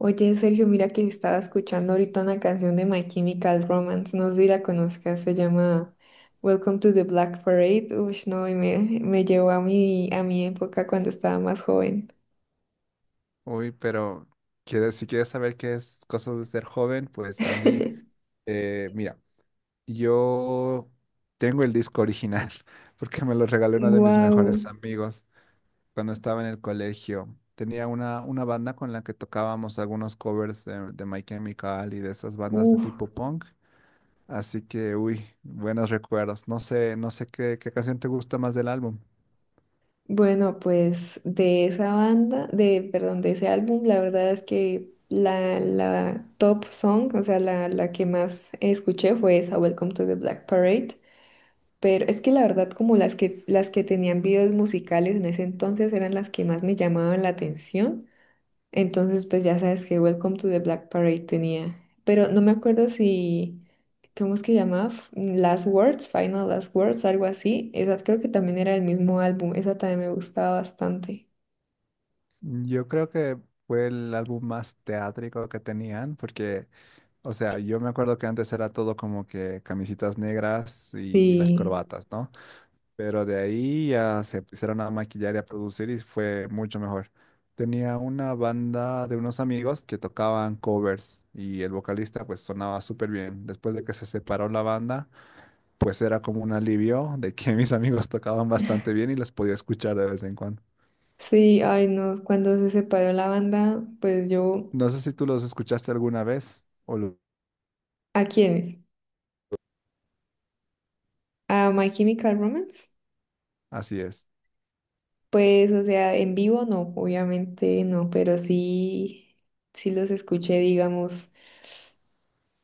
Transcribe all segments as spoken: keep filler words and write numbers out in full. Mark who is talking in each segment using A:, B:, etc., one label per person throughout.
A: Oye, Sergio, mira que estaba escuchando ahorita una canción de My Chemical Romance, no sé si la conozcas, se llama Welcome to the Black Parade. Uy, no, y me, me llevó a mi, a mi época cuando estaba más joven.
B: Uy, pero quieres- si quieres saber qué es cosas de ser joven, pues Angie, eh, mira, yo tengo el disco original porque me lo regaló uno de mis mejores
A: Wow.
B: amigos cuando estaba en el colegio. Tenía una, una banda con la que tocábamos algunos covers de, de My Chemical y de esas bandas de
A: Uf.
B: tipo punk. Así que, uy, buenos recuerdos. No sé, no sé qué, qué canción te gusta más del álbum.
A: Bueno, pues de esa banda, de, perdón, de ese álbum, la verdad es que la, la top song, o sea, la, la que más escuché fue esa Welcome to the Black Parade. Pero es que la verdad, como las que, las que tenían videos musicales en ese entonces eran las que más me llamaban la atención. Entonces, pues ya sabes que Welcome to the Black Parade tenía. Pero no me acuerdo si, ¿cómo es que llamaba? F- Last Words, Final Last Words, algo así. Esa creo que también era el mismo álbum. Esa también me gustaba bastante.
B: Yo creo que fue el álbum más teátrico que tenían porque... O sea, yo me acuerdo que antes era todo como que camisitas negras y las
A: Sí,
B: corbatas, ¿no? Pero de ahí ya se empezaron a maquillar y a producir y fue mucho mejor. Tenía una banda de unos amigos que tocaban covers y el vocalista pues sonaba súper bien. Después de que se separó la banda, pues era como un alivio de que mis amigos tocaban bastante bien y los podía escuchar de vez en cuando.
A: sí, ay no. Cuando se separó la banda, pues yo,
B: No sé si tú los escuchaste alguna vez o lo-
A: ¿a quiénes? ¿A My Chemical Romance?
B: así es.
A: Pues, o sea, en vivo no, obviamente no, pero sí, sí los escuché, digamos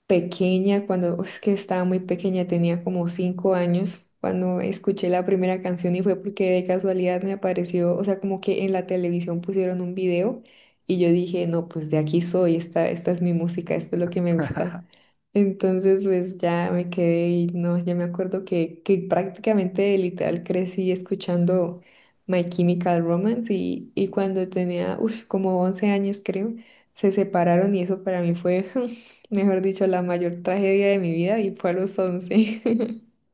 A: pequeña, cuando es que estaba muy pequeña, tenía como cinco años, cuando escuché la primera canción y fue porque de casualidad me apareció, o sea, como que en la televisión pusieron un video y yo dije, no, pues de aquí soy, esta, esta es mi música, esto es lo que me gusta. Entonces, pues ya me quedé y no, ya me acuerdo que, que prácticamente literal crecí escuchando My Chemical Romance y, y cuando tenía, uff, como once años creo, se separaron y eso para mí fue... Mejor dicho, la mayor tragedia de mi vida y fue a los once.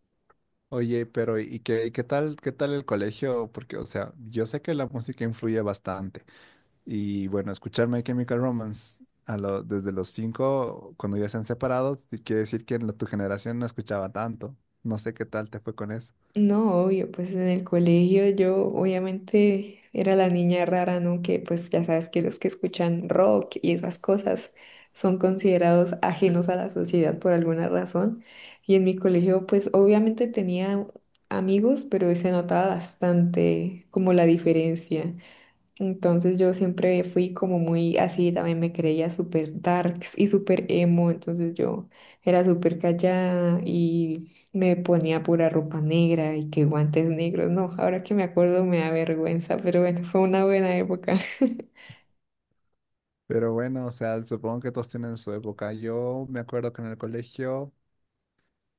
B: Oye, pero ¿y qué, qué tal, qué tal el colegio? Porque, o sea, yo sé que la música influye bastante. Y bueno, escuchar My Chemical Romance a lo- desde los cinco, cuando ya se han separado, sí quiere decir que en la- tu generación no escuchaba tanto. No sé qué tal te fue con eso.
A: No, obvio, pues en el colegio yo obviamente era la niña rara, ¿no? Que pues ya sabes que los que escuchan rock y esas cosas son considerados ajenos a la sociedad por alguna razón. Y en mi colegio pues obviamente tenía amigos, pero se notaba bastante como la diferencia. Entonces yo siempre fui como muy así, también me creía súper darks y súper emo, entonces yo era súper callada y me ponía pura ropa negra y que guantes negros. No, ahora que me acuerdo me da vergüenza, pero bueno, fue una buena época.
B: Pero bueno, o sea, supongo que todos tienen su época. Yo me acuerdo que en el colegio,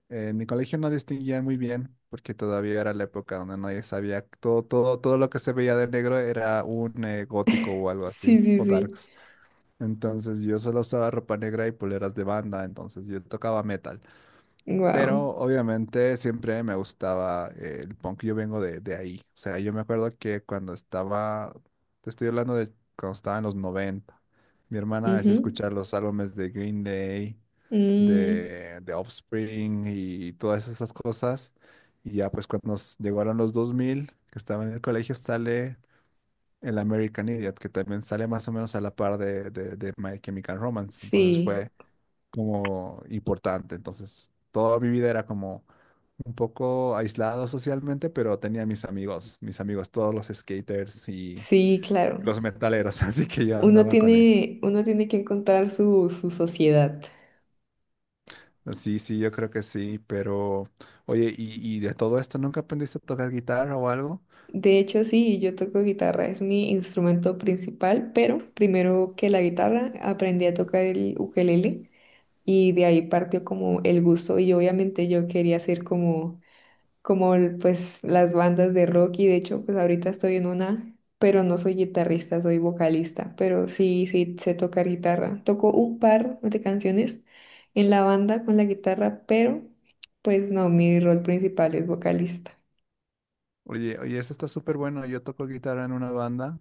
B: eh, en mi colegio no distinguían muy bien, porque todavía era la época donde nadie sabía, todo, todo, todo lo que se veía de negro era un eh, gótico o algo así,
A: Sí, sí,
B: o
A: sí.
B: darks. Entonces yo solo usaba ropa negra y poleras de banda, entonces yo tocaba metal.
A: Wow.
B: Pero obviamente siempre me gustaba eh, el punk, yo vengo de, de ahí. O sea, yo me acuerdo que cuando estaba, te estoy hablando de cuando estaba en los noventa, mi hermana me hacía escuchar los álbumes de Green Day, de, de Offspring y todas esas cosas. Y ya pues cuando nos llegaron los dos mil, que estaba en el colegio, sale el American Idiot, que también sale más o menos a la par de, de, de My Chemical Romance. Entonces
A: Sí,
B: fue como importante. Entonces toda mi vida era como un poco aislado socialmente, pero tenía mis amigos, mis amigos, todos los skaters y
A: sí, claro.
B: los metaleros, así que yo
A: Uno
B: andaba con ellos.
A: tiene, uno tiene que encontrar su, su sociedad.
B: Sí, sí, yo creo que sí, pero oye, ¿y, y de todo esto nunca aprendiste a tocar guitarra o algo?
A: De hecho, sí, yo toco guitarra, es mi instrumento principal, pero primero que la guitarra aprendí a tocar el ukelele y de ahí partió como el gusto y obviamente yo quería ser como, como el- pues las bandas de rock y de hecho pues ahorita estoy en una, pero no soy guitarrista, soy vocalista, pero sí, sí sé tocar guitarra. Toco un par de canciones en la banda con la guitarra, pero pues no, mi rol principal es vocalista.
B: Oye, oye, eso está súper bueno. Yo toco guitarra en una banda.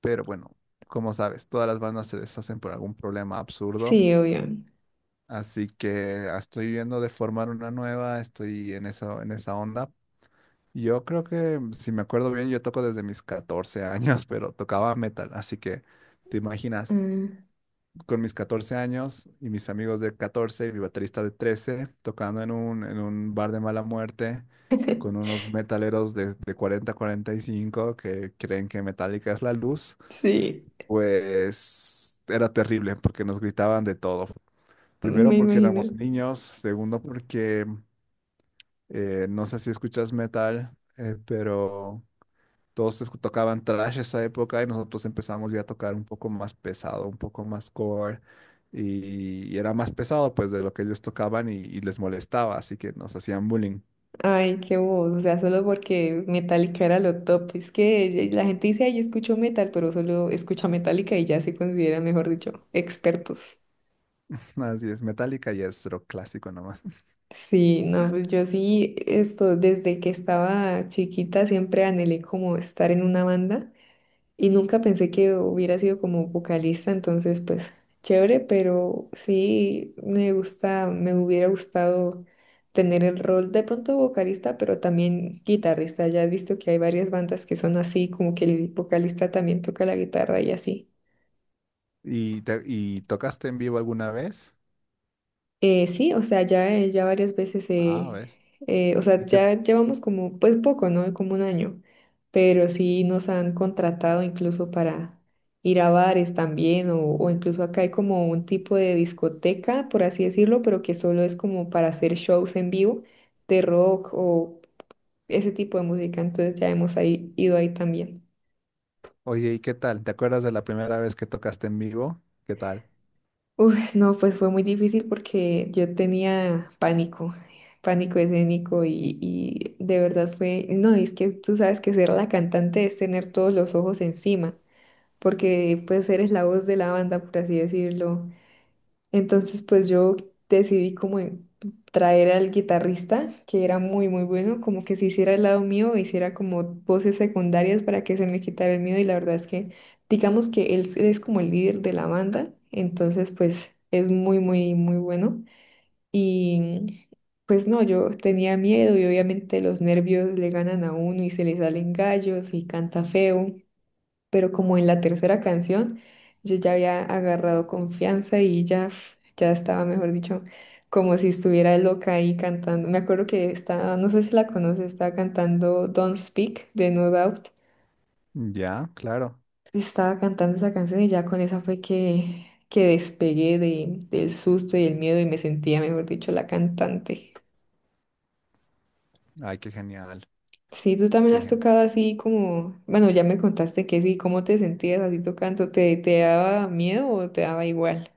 B: Pero bueno, como sabes, todas las bandas se deshacen por algún problema absurdo.
A: Sí, obvio.
B: Así que ah, estoy viendo de formar una nueva, estoy en esa, en esa onda. Yo creo que, si me acuerdo bien, yo toco desde mis catorce años, pero tocaba metal. Así que, te imaginas,
A: Ah,
B: con mis catorce años y mis amigos de catorce y mi baterista de trece, tocando en un, en un bar de mala muerte, con unos metaleros de, de cuarenta a cuarenta y cinco que creen que Metallica es la luz.
A: Sí,
B: Pues era terrible porque nos gritaban de todo. Primero
A: me
B: porque
A: imagino.
B: éramos niños, segundo porque eh, no sé si escuchas metal, eh, pero todos escu- tocaban thrash esa época y nosotros empezamos ya a tocar un poco más pesado, un poco más core y, y era más pesado pues de lo que ellos tocaban y, y les molestaba, así que nos hacían bullying.
A: Ay, qué voz, o sea, solo porque Metallica era lo top. Es que la gente dice, ay, yo escucho metal, pero solo escucha Metallica y ya se consideran, mejor dicho, expertos.
B: Así es, Metallica y es rock clásico nomás.
A: Sí, no, pues yo sí, esto, desde que estaba chiquita siempre anhelé como estar en una banda. Y nunca pensé que hubiera sido como vocalista, entonces pues chévere, pero sí me gusta, me hubiera gustado tener el rol de pronto vocalista, pero también guitarrista. Ya has visto que hay varias bandas que son así, como que el vocalista también toca la guitarra y así.
B: ¿Y, te- y tocaste en vivo alguna vez?
A: Eh, sí, o sea, ya, eh, ya varias veces,
B: Ah,
A: eh,
B: ¿ves?
A: eh, o sea,
B: ¿Y qué,
A: ya llevamos como, pues poco, ¿no? Como un año, pero sí nos han contratado incluso para ir a bares también, o, o incluso acá hay como un tipo de discoteca, por así decirlo, pero que solo es como para hacer shows en vivo de rock o ese tipo de música, entonces ya hemos ahí, ido ahí también.
B: Oye, ¿y qué tal? ¿Te acuerdas de la primera vez que tocaste en vivo? ¿Qué tal?
A: Uy, no, pues fue muy difícil porque yo tenía pánico, pánico escénico y, y de verdad fue, no, es que tú sabes que ser la cantante es tener todos los ojos encima, porque pues eres la voz de la banda, por así decirlo, entonces, pues yo decidí como en- traer al guitarrista, que era muy, muy bueno, como que se hiciera al lado mío, hiciera como voces secundarias para que se me quitara el miedo. Y la verdad es que, digamos que él es como el líder de la banda, entonces, pues es muy, muy, muy bueno. Y pues no, yo tenía miedo y obviamente los nervios le ganan a uno y se le salen gallos y canta feo, pero como en la tercera canción yo ya había agarrado confianza y ya, pf, ya estaba, mejor dicho, como si estuviera loca ahí cantando. Me acuerdo que estaba, no sé si la conoces, estaba cantando Don't Speak de No Doubt.
B: Ya, claro.
A: Estaba cantando esa canción y ya con esa fue que, que despegué de, del susto y el miedo y me sentía, mejor dicho, la cantante.
B: Ay, qué genial,
A: Sí, tú también
B: qué
A: has
B: genial.
A: tocado así como, bueno, ya me contaste que sí, ¿cómo te sentías así tocando? ¿Te, te daba miedo o te daba igual?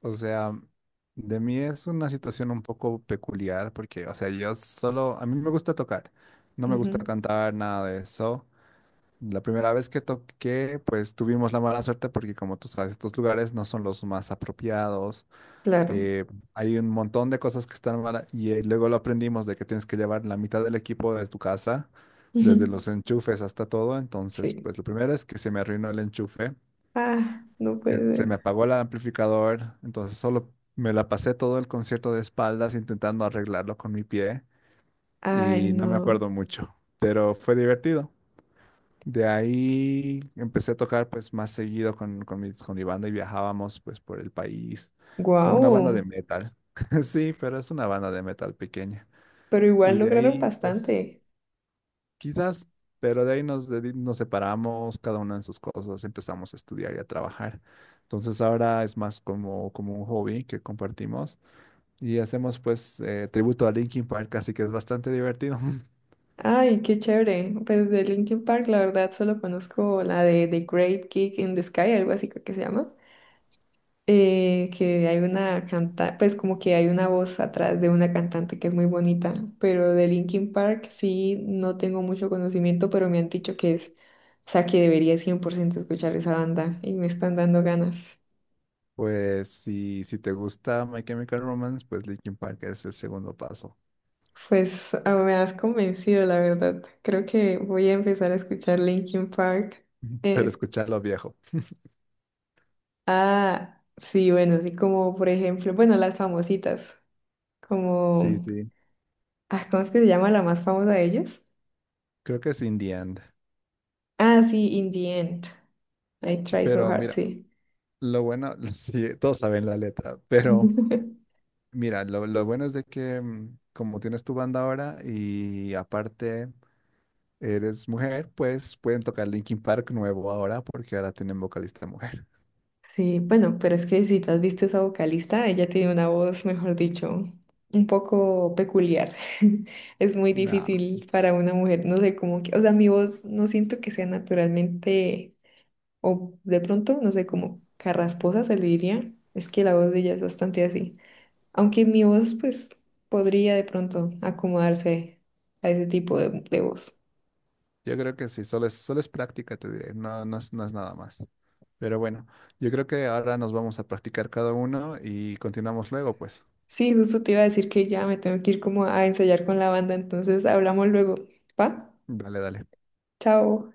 B: O sea, de mí es una situación un poco peculiar porque, o sea, yo solo, a mí me gusta tocar, no me
A: Ujú.
B: gusta cantar, nada de eso. La primera vez que toqué, pues tuvimos la mala suerte porque, como tú sabes, estos lugares no son los más apropiados.
A: Claro.
B: Eh, hay un montón de cosas que están mal y eh, luego lo aprendimos de que tienes que llevar la mitad del equipo de tu casa, desde
A: Ujú.
B: los enchufes hasta todo. Entonces,
A: Sí.
B: pues lo primero es que se me arruinó el enchufe,
A: Ah, no
B: eh,
A: puede
B: se me
A: ser.
B: apagó el amplificador, entonces solo me la pasé todo el concierto de espaldas intentando arreglarlo con mi pie
A: Ay,
B: y no me
A: no.
B: acuerdo mucho, pero fue divertido. De ahí empecé a tocar pues más seguido con, con, mis- con mi banda y viajábamos pues por el país como una banda de
A: Guau.
B: metal. Sí, pero es una banda de metal pequeña.
A: Pero igual
B: Y de
A: lograron
B: ahí pues
A: bastante.
B: quizás, pero de ahí nos, dedi- nos separamos, cada uno en sus cosas, empezamos a estudiar y a trabajar. Entonces ahora es más como, como un hobby que compartimos y hacemos pues eh, tributo a Linkin Park, así que es bastante divertido.
A: Ay, qué chévere. Pues de Linkin Park, la verdad, solo conozco la de The Great Kick in the Sky, algo así creo que se llama. Eh, que hay una cantante, pues como que hay una voz atrás de una cantante que es muy bonita. Pero de Linkin Park sí no tengo mucho conocimiento, pero me han dicho que es, o sea, que debería cien por ciento escuchar esa banda y me están dando ganas.
B: Pues si, si te gusta My Chemical Romance, pues Linkin Park es el segundo paso.
A: Pues ah, me has convencido, la verdad. Creo que voy a empezar a escuchar Linkin Park.
B: Pero
A: Eh,
B: escucharlo viejo.
A: ah, sí, bueno, así como por ejemplo, bueno, las famositas,
B: Sí,
A: como,
B: sí.
A: ah, ¿cómo es que se llama la más famosa de ellas?
B: Creo que es In the End.
A: Ah, sí, In the End. I Try So
B: Pero
A: Hard,
B: mira,
A: sí.
B: lo bueno, sí, todos saben la letra, pero mira, lo, lo bueno es de que mm, como tienes tu banda ahora y aparte eres mujer, pues pueden tocar Linkin Park nuevo ahora porque ahora tienen vocalista mujer.
A: Sí, bueno, pero es que si tú has visto esa vocalista, ella tiene una voz, mejor dicho, un poco peculiar. Es muy
B: No,
A: difícil para una mujer, no sé cómo que, o sea, mi voz no siento que sea naturalmente, o de pronto, no sé, como carrasposa se le diría. Es que la voz de ella es bastante así. Aunque mi voz, pues, podría de pronto acomodarse a ese tipo de, de voz.
B: yo creo que sí, solo es, solo es práctica, te diré. No, no es, no es nada más. Pero bueno, yo creo que ahora nos vamos a practicar cada uno y continuamos luego, pues.
A: Sí, justo te iba a decir que ya me tengo que ir como a ensayar con la banda, entonces hablamos luego. ¿Va?
B: Dale, dale.
A: Chao.